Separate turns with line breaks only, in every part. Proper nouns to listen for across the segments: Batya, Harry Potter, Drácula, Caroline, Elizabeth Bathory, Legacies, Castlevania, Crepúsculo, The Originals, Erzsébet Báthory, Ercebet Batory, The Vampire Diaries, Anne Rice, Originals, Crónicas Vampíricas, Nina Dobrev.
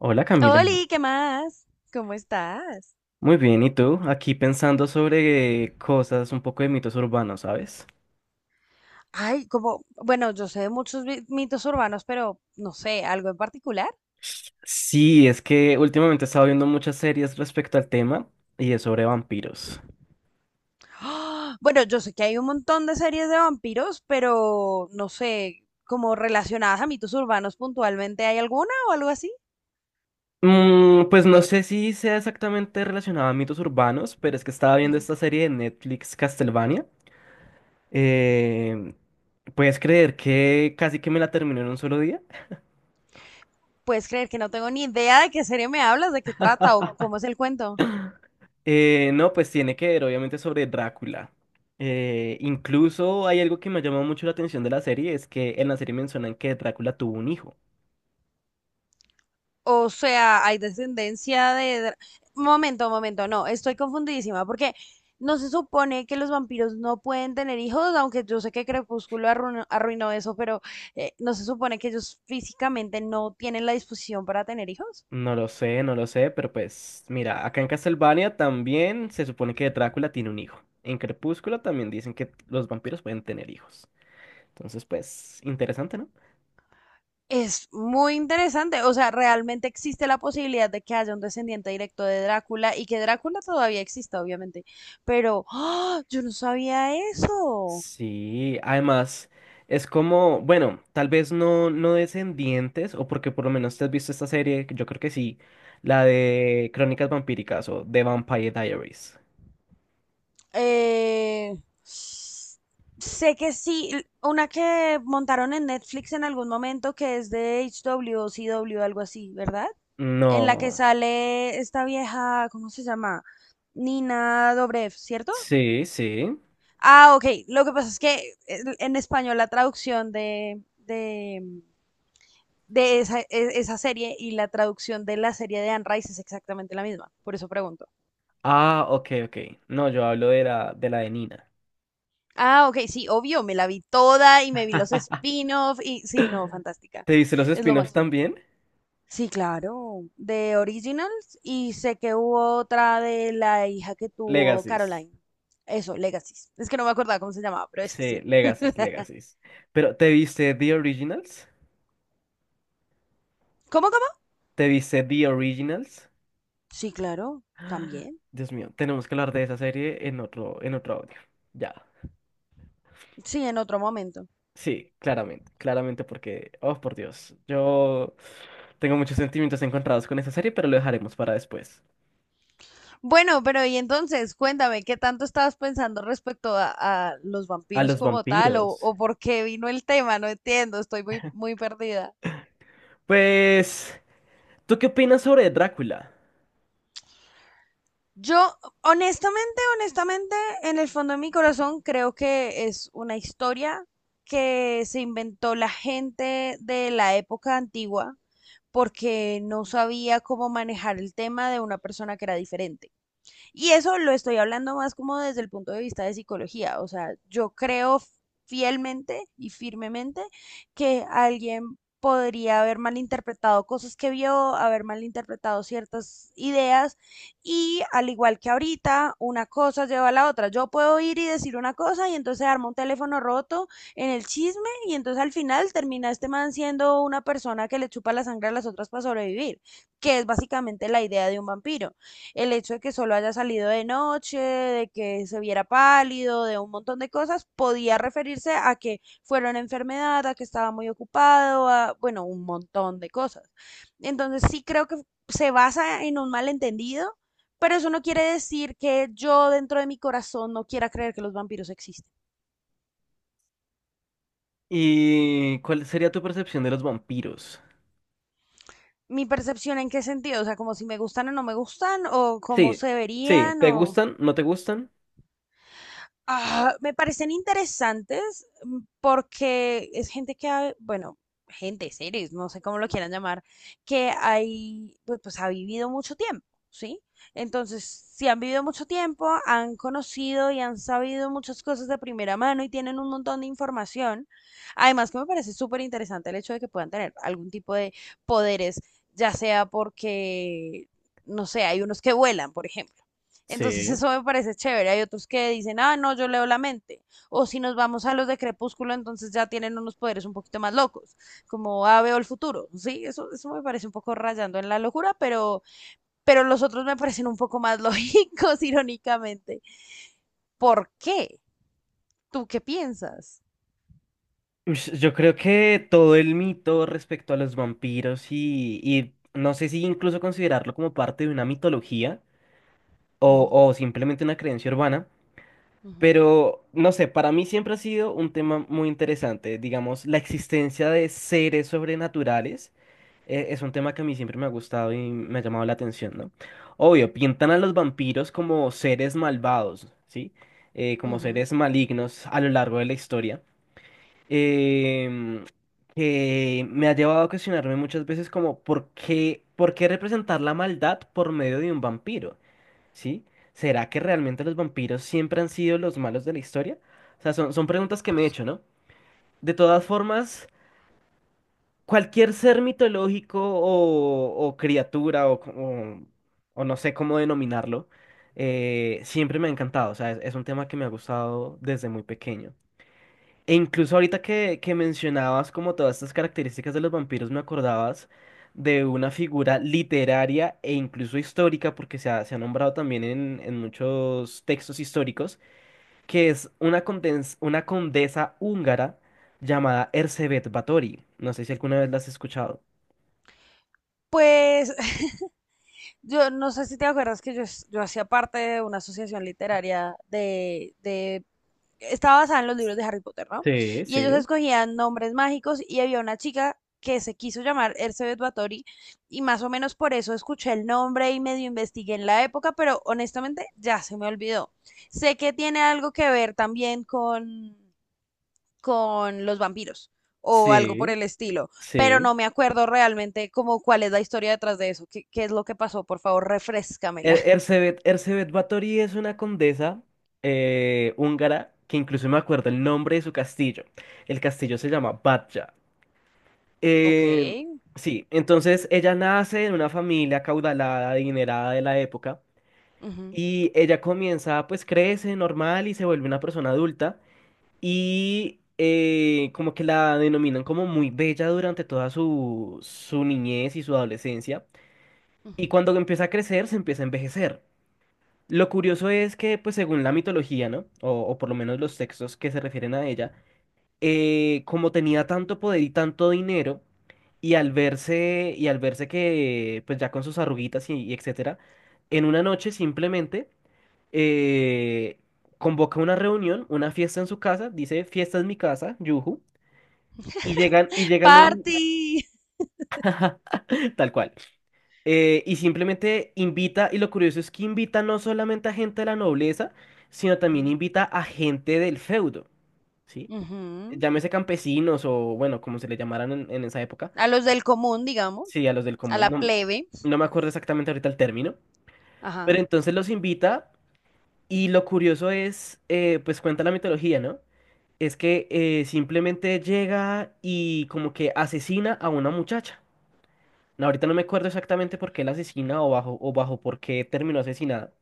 Hola Camila,
Oli, ¿qué más? ¿Cómo estás?
muy bien, ¿y tú? Aquí pensando sobre cosas, un poco de mitos urbanos, ¿sabes?
Ay, como, bueno, yo sé de muchos mitos urbanos, pero no sé, algo en particular.
Sí, es que últimamente he estado viendo muchas series respecto al tema y es sobre vampiros.
¡Ah! Bueno, yo sé que hay un montón de series de vampiros, pero no sé, como relacionadas a mitos urbanos puntualmente, ¿hay alguna o algo así?
Mm, pues no sé si sea exactamente relacionado a mitos urbanos, pero es que estaba viendo
Ujú.
esta serie de Netflix Castlevania. Eh, ¿Puedes creer que casi que me la terminé en un solo día?
¿Puedes creer que no tengo ni idea de qué serie me hablas, de qué trata o cómo es el cuento?
No, pues tiene que ver obviamente sobre Drácula. Incluso hay algo que me llamó mucho la atención de la serie, es que en la serie mencionan que Drácula tuvo un hijo.
O sea, hay descendencia de... dra- Momento, momento, no, estoy confundidísima porque no se supone que los vampiros no pueden tener hijos, aunque yo sé que Crepúsculo arruinó eso, pero no se supone que ellos físicamente no tienen la disposición para tener hijos.
No lo sé, no lo sé, pero pues mira, acá en Castlevania también se supone que Drácula tiene un hijo. En Crepúsculo también dicen que los vampiros pueden tener hijos. Entonces, pues, interesante, ¿no?
Es muy interesante, o sea, realmente existe la posibilidad de que haya un descendiente directo de Drácula y que Drácula todavía exista, obviamente, pero ¡ah! Yo no sabía eso.
Sí, además es como, bueno, tal vez no, no descendientes, o porque por lo menos te has visto esta serie, que yo creo que sí, la de Crónicas Vampíricas o The Vampire Diaries.
Eh, Sé que sí, una que montaron en Netflix en algún momento que es de HW o CW, algo así, ¿verdad? En la que
No,
sale esta vieja, ¿cómo se llama? Nina Dobrev, ¿cierto?
sí, sí.
Ah, ok. Lo que pasa es que en español la traducción de esa, esa serie y la traducción de la serie de Anne Rice es exactamente la misma, por eso pregunto.
Ah, ok, ok. No, yo hablo de la de la de Nina.
Ah, ok, sí, obvio, me la vi toda y me vi los spin-off y sí, no, fantástica,
¿Te viste los
es lo
spin-offs
máximo.
también?
Sí, claro, de Originals y sé que hubo otra de la hija que tuvo
Legacies.
Caroline. Eso, Legacies. Es que no me acordaba cómo se llamaba, pero es
Sí,
así.
Legacies, Legacies. Pero ¿te viste The Originals?
¿Cómo, cómo?
¿Te viste The Originals?
Sí, claro, también.
Dios mío, tenemos que hablar de esa serie en otro audio. Ya.
Sí, en otro momento.
Sí, claramente, claramente porque, oh por Dios, yo tengo muchos sentimientos encontrados con esa serie, pero lo dejaremos para después.
Bueno, pero y entonces, cuéntame, ¿qué tanto estabas pensando respecto a los
A
vampiros
los
como tal
vampiros.
o por qué vino el tema? No entiendo, estoy muy, muy perdida.
Pues, ¿tú qué opinas sobre Drácula?
Yo, honestamente, honestamente, en el fondo de mi corazón creo que es una historia que se inventó la gente de la época antigua porque no sabía cómo manejar el tema de una persona que era diferente. Y eso lo estoy hablando más como desde el punto de vista de psicología. O sea, yo creo fielmente y firmemente que alguien podría haber malinterpretado cosas que vio, haber malinterpretado ciertas ideas y al igual que ahorita, una cosa lleva a la otra. Yo puedo ir y decir una cosa y entonces armo un teléfono roto en el chisme y entonces al final termina este man siendo una persona que le chupa la sangre a las otras para sobrevivir, que es básicamente la idea de un vampiro, el hecho de que solo haya salido de noche, de que se viera pálido, de un montón de cosas, podía referirse a que fuera una enfermedad, a que estaba muy ocupado, a, bueno, un montón de cosas. Entonces sí creo que se basa en un malentendido, pero eso no quiere decir que yo dentro de mi corazón no quiera creer que los vampiros existen.
¿Y cuál sería tu percepción de los vampiros?
Mi percepción en qué sentido, o sea, como si me gustan o no me gustan, o cómo
Sí,
se
sí,
verían,
¿te
o...
gustan? ¿No te gustan?
Ah, me parecen interesantes porque es gente que, bueno, gente, seres, no sé cómo lo quieran llamar, que hay, pues, ha vivido mucho tiempo, ¿sí? Entonces, si han vivido mucho tiempo, han conocido y han sabido muchas cosas de primera mano y tienen un montón de información. Además, que me parece súper interesante el hecho de que puedan tener algún tipo de poderes, ya sea porque, no sé, hay unos que vuelan, por ejemplo. Entonces
Sí.
eso me parece chévere. Hay otros que dicen, ah, no, yo leo la mente. O si nos vamos a los de Crepúsculo, entonces ya tienen unos poderes un poquito más locos, como, ah, veo el futuro. Sí, eso me parece un poco rayando en la locura, pero los otros me parecen un poco más lógicos, irónicamente. ¿Por qué? ¿Tú qué piensas?
Ush, yo creo que todo el mito respecto a los vampiros y no sé si incluso considerarlo como parte de una mitología
Ujú,
o simplemente una creencia urbana.
ujú,
Pero, no sé, para mí siempre ha sido un tema muy interesante. Digamos, la existencia de seres sobrenaturales es un tema que a mí siempre me ha gustado y me ha llamado la atención, ¿no? Obvio, pintan a los vampiros como seres malvados, ¿sí? Como
ujú.
seres malignos a lo largo de la historia. Em, que me ha llevado a cuestionarme muchas veces como, por qué representar la maldad por medio de un vampiro? ¿Sí? ¿Será que realmente los vampiros siempre han sido los malos de la historia? O sea, son preguntas que me he hecho, ¿no? De todas formas, cualquier ser mitológico o criatura o o no sé cómo denominarlo, siempre me ha encantado. O sea, es un tema que me ha gustado desde muy pequeño. E incluso ahorita que mencionabas como todas estas características de los vampiros, me acordabas de una figura literaria e incluso histórica, porque se ha nombrado también en muchos textos históricos, que es una una condesa húngara llamada Erzsébet Báthory. No sé si alguna vez la has escuchado.
Pues yo no sé si te acuerdas que yo hacía parte de una asociación literaria de estaba basada en los libros de Harry Potter, ¿no?
Sí,
Y ellos
sí.
escogían nombres mágicos y había una chica que se quiso llamar Elizabeth Bathory y más o menos por eso escuché el nombre y medio investigué en la época, pero honestamente ya se me olvidó. Sé que tiene algo que ver también con los vampiros o algo por
Sí,
el estilo, pero
sí.
no me acuerdo realmente como cuál es la historia detrás de eso, qué es lo que pasó, por favor, refrescámela.
Erzsébet, Erzsébet Báthory es una condesa húngara que incluso me acuerdo el nombre de su castillo. El castillo se llama Batya.
Ok.
Eh, sí, entonces ella nace en una familia acaudalada, adinerada de la época
Ujú,
y ella comienza, pues crece normal y se vuelve una persona adulta y como que la denominan como muy bella durante toda su, su niñez y su adolescencia
ujú.
y cuando empieza a crecer se empieza a envejecer. Lo curioso es que, pues según la mitología, ¿no? O por lo menos los textos que se refieren a ella, como tenía tanto poder y tanto dinero, y al verse que, pues ya con sus arruguitas y etcétera, en una noche simplemente eh, convoca una reunión, una fiesta en su casa, dice, fiesta en mi casa, yujú, y llegan, y llegan un-
Party.
tal cual. Y simplemente invita, y lo curioso es que invita no solamente a gente de la nobleza, sino también
Ujú,
invita a gente del feudo, ¿sí?
ujú.
Llámese campesinos o, bueno, como se le llamaran en esa época,
A los del común, digamos,
sí, a los del
a
común,
la
no,
plebe.
no me acuerdo exactamente ahorita el término, pero
Ajá.
entonces los invita y lo curioso es, pues cuenta la mitología, ¿no? Es que simplemente llega y como que asesina a una muchacha. No, ahorita no me acuerdo exactamente por qué la asesina o bajo por qué terminó asesinada.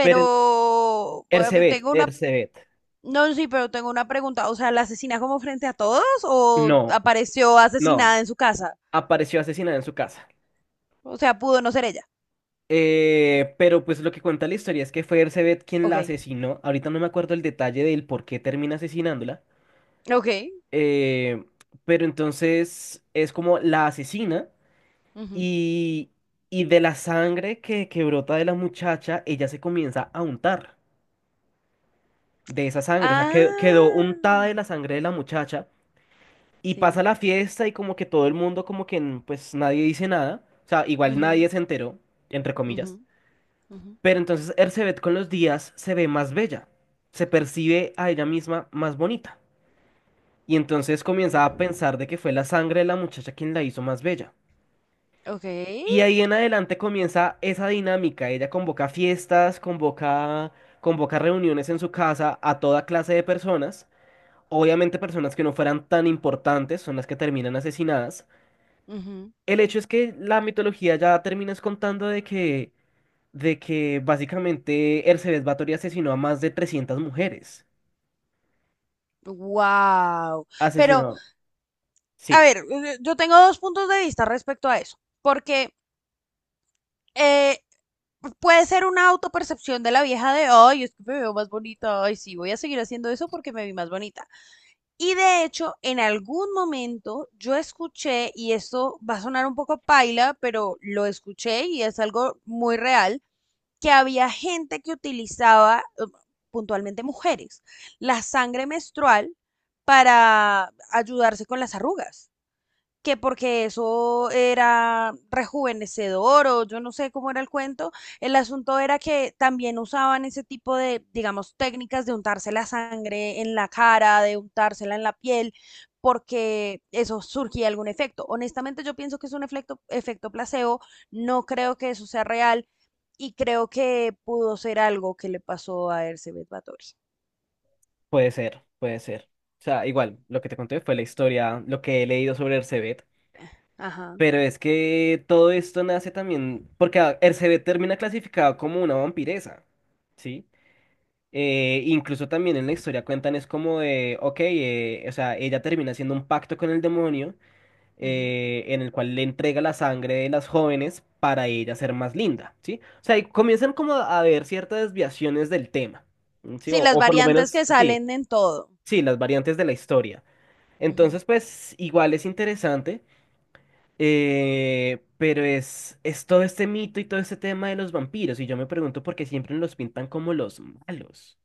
Pero Ercebet.
no, sí, pero tengo una pregunta. O sea, ¿la asesina como frente a todos o
No,
apareció asesinada
no,
en su casa?
apareció asesinada en su casa.
O sea, pudo no ser ella.
Pero pues lo que cuenta la historia es que fue Ercebet quien
Ok,
la asesinó. Ahorita no me acuerdo el detalle del por qué termina asesinándola.
ok.
Eh, pero entonces es como la asesina
Ujú.
y, y de la sangre que brota de la muchacha, ella se comienza a untar de esa sangre. O sea, quedó
Ah,
untada de la sangre de la muchacha. Y pasa
sí.
la fiesta y como que todo el mundo, pues nadie dice nada. O sea, igual nadie
Ujú,
se enteró, entre
ujú,
comillas.
ujú,
Pero entonces Ercebet con los días se ve más bella. Se percibe a ella misma más bonita. Y entonces comienza a
ujú.
pensar de que fue la sangre de la muchacha quien la hizo más bella.
Ok.
Y ahí en adelante comienza esa dinámica. Ella convoca fiestas, convoca reuniones en su casa a toda clase de personas. Obviamente personas que no fueran tan importantes son las que terminan asesinadas. El hecho es que la mitología ya terminas contando de que básicamente Ercebet Báthory asesinó a más de 300 mujeres.
Wow. Pero,
Asesinó.
a
Sí,
ver, yo tengo dos puntos de vista respecto a eso. Porque eh, puede ser una autopercepción de la vieja de, ay, es que me veo más bonita, ay, sí, voy a seguir haciendo eso porque me vi más bonita. Y de hecho, en algún momento yo escuché, y esto va a sonar un poco paila, pero lo escuché y es algo muy real, que había gente que utilizaba, puntualmente mujeres, la sangre menstrual para ayudarse con las arrugas, que porque eso era rejuvenecedor o yo no sé cómo era el cuento, el asunto era que también usaban ese tipo de, digamos, técnicas de untarse la sangre en la cara, de untársela en la piel, porque eso surgía algún efecto. Honestamente yo pienso que es un efecto placebo, no creo que eso sea real y creo que pudo ser algo que le pasó a Ercebet Batory.
puede ser, puede ser. O sea, igual, lo que te conté fue la historia, lo que he leído sobre Ercebet.
Ajá.
Pero es que todo esto nace también, porque Ercebet termina clasificado como una vampiresa, ¿sí? Incluso también en la historia cuentan es como de, ok, o sea, ella termina haciendo un pacto con el demonio
Ujú.
en el cual le entrega la sangre de las jóvenes para ella ser más linda, ¿sí? O sea, y comienzan como a haber ciertas desviaciones del tema, ¿sí?
Sí, las
O por lo
variantes
menos,
que
sí,
salen en todo.
sí, las variantes de la historia.
Ujú.
Entonces, pues, igual es interesante, pero es todo este mito y todo este tema de los vampiros, y yo me pregunto por qué siempre los pintan como los malos.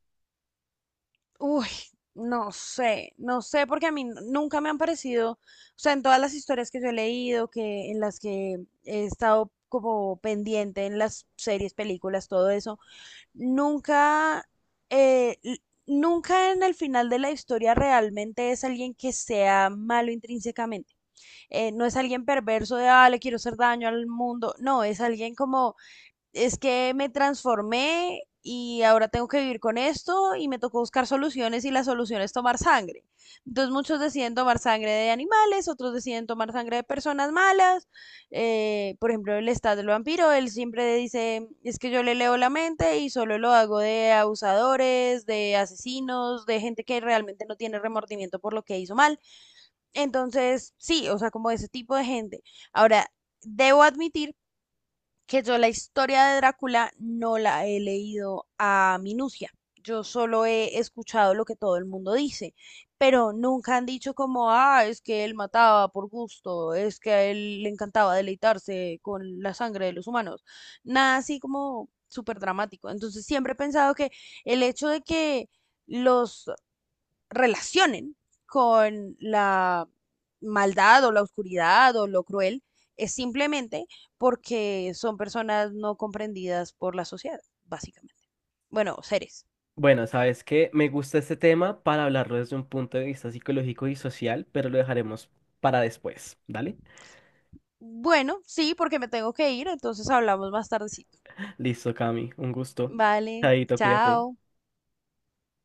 Uy, no sé, no sé, porque a mí nunca me han parecido, o sea, en todas las historias que yo he leído, que en las que he estado como pendiente en las series, películas, todo eso, nunca, eh, l- nunca en el final de la historia realmente es alguien que sea malo intrínsecamente. No es alguien perverso de, ah, le quiero hacer daño al mundo, no, es alguien como es que me transformé y ahora tengo que vivir con esto y me tocó buscar soluciones y la solución es tomar sangre. Entonces muchos deciden tomar sangre de animales, otros deciden tomar sangre de personas malas. Por ejemplo, el estado del vampiro, él siempre dice, es que yo le leo la mente y solo lo hago de abusadores, de asesinos, de gente que realmente no tiene remordimiento por lo que hizo mal. Entonces, sí, o sea, como ese tipo de gente. Ahora, debo admitir que yo la historia de Drácula no la he leído a minucia. Yo solo he escuchado lo que todo el mundo dice, pero nunca han dicho como, ah, es que él mataba por gusto, es que a él le encantaba deleitarse con la sangre de los humanos. Nada así como súper dramático. Entonces siempre he pensado que el hecho de que los relacionen con la maldad o la oscuridad o lo cruel, es simplemente porque son personas no comprendidas por la sociedad, básicamente. Bueno, seres.
Bueno, sabes que me gusta este tema para hablarlo desde un punto de vista psicológico y social, pero lo dejaremos para después, ¿dale?
Bueno, sí, porque me tengo que ir, entonces hablamos más tardecito.
Listo, Cami, un gusto.
Vale,
Chaito, cuídate.
chao.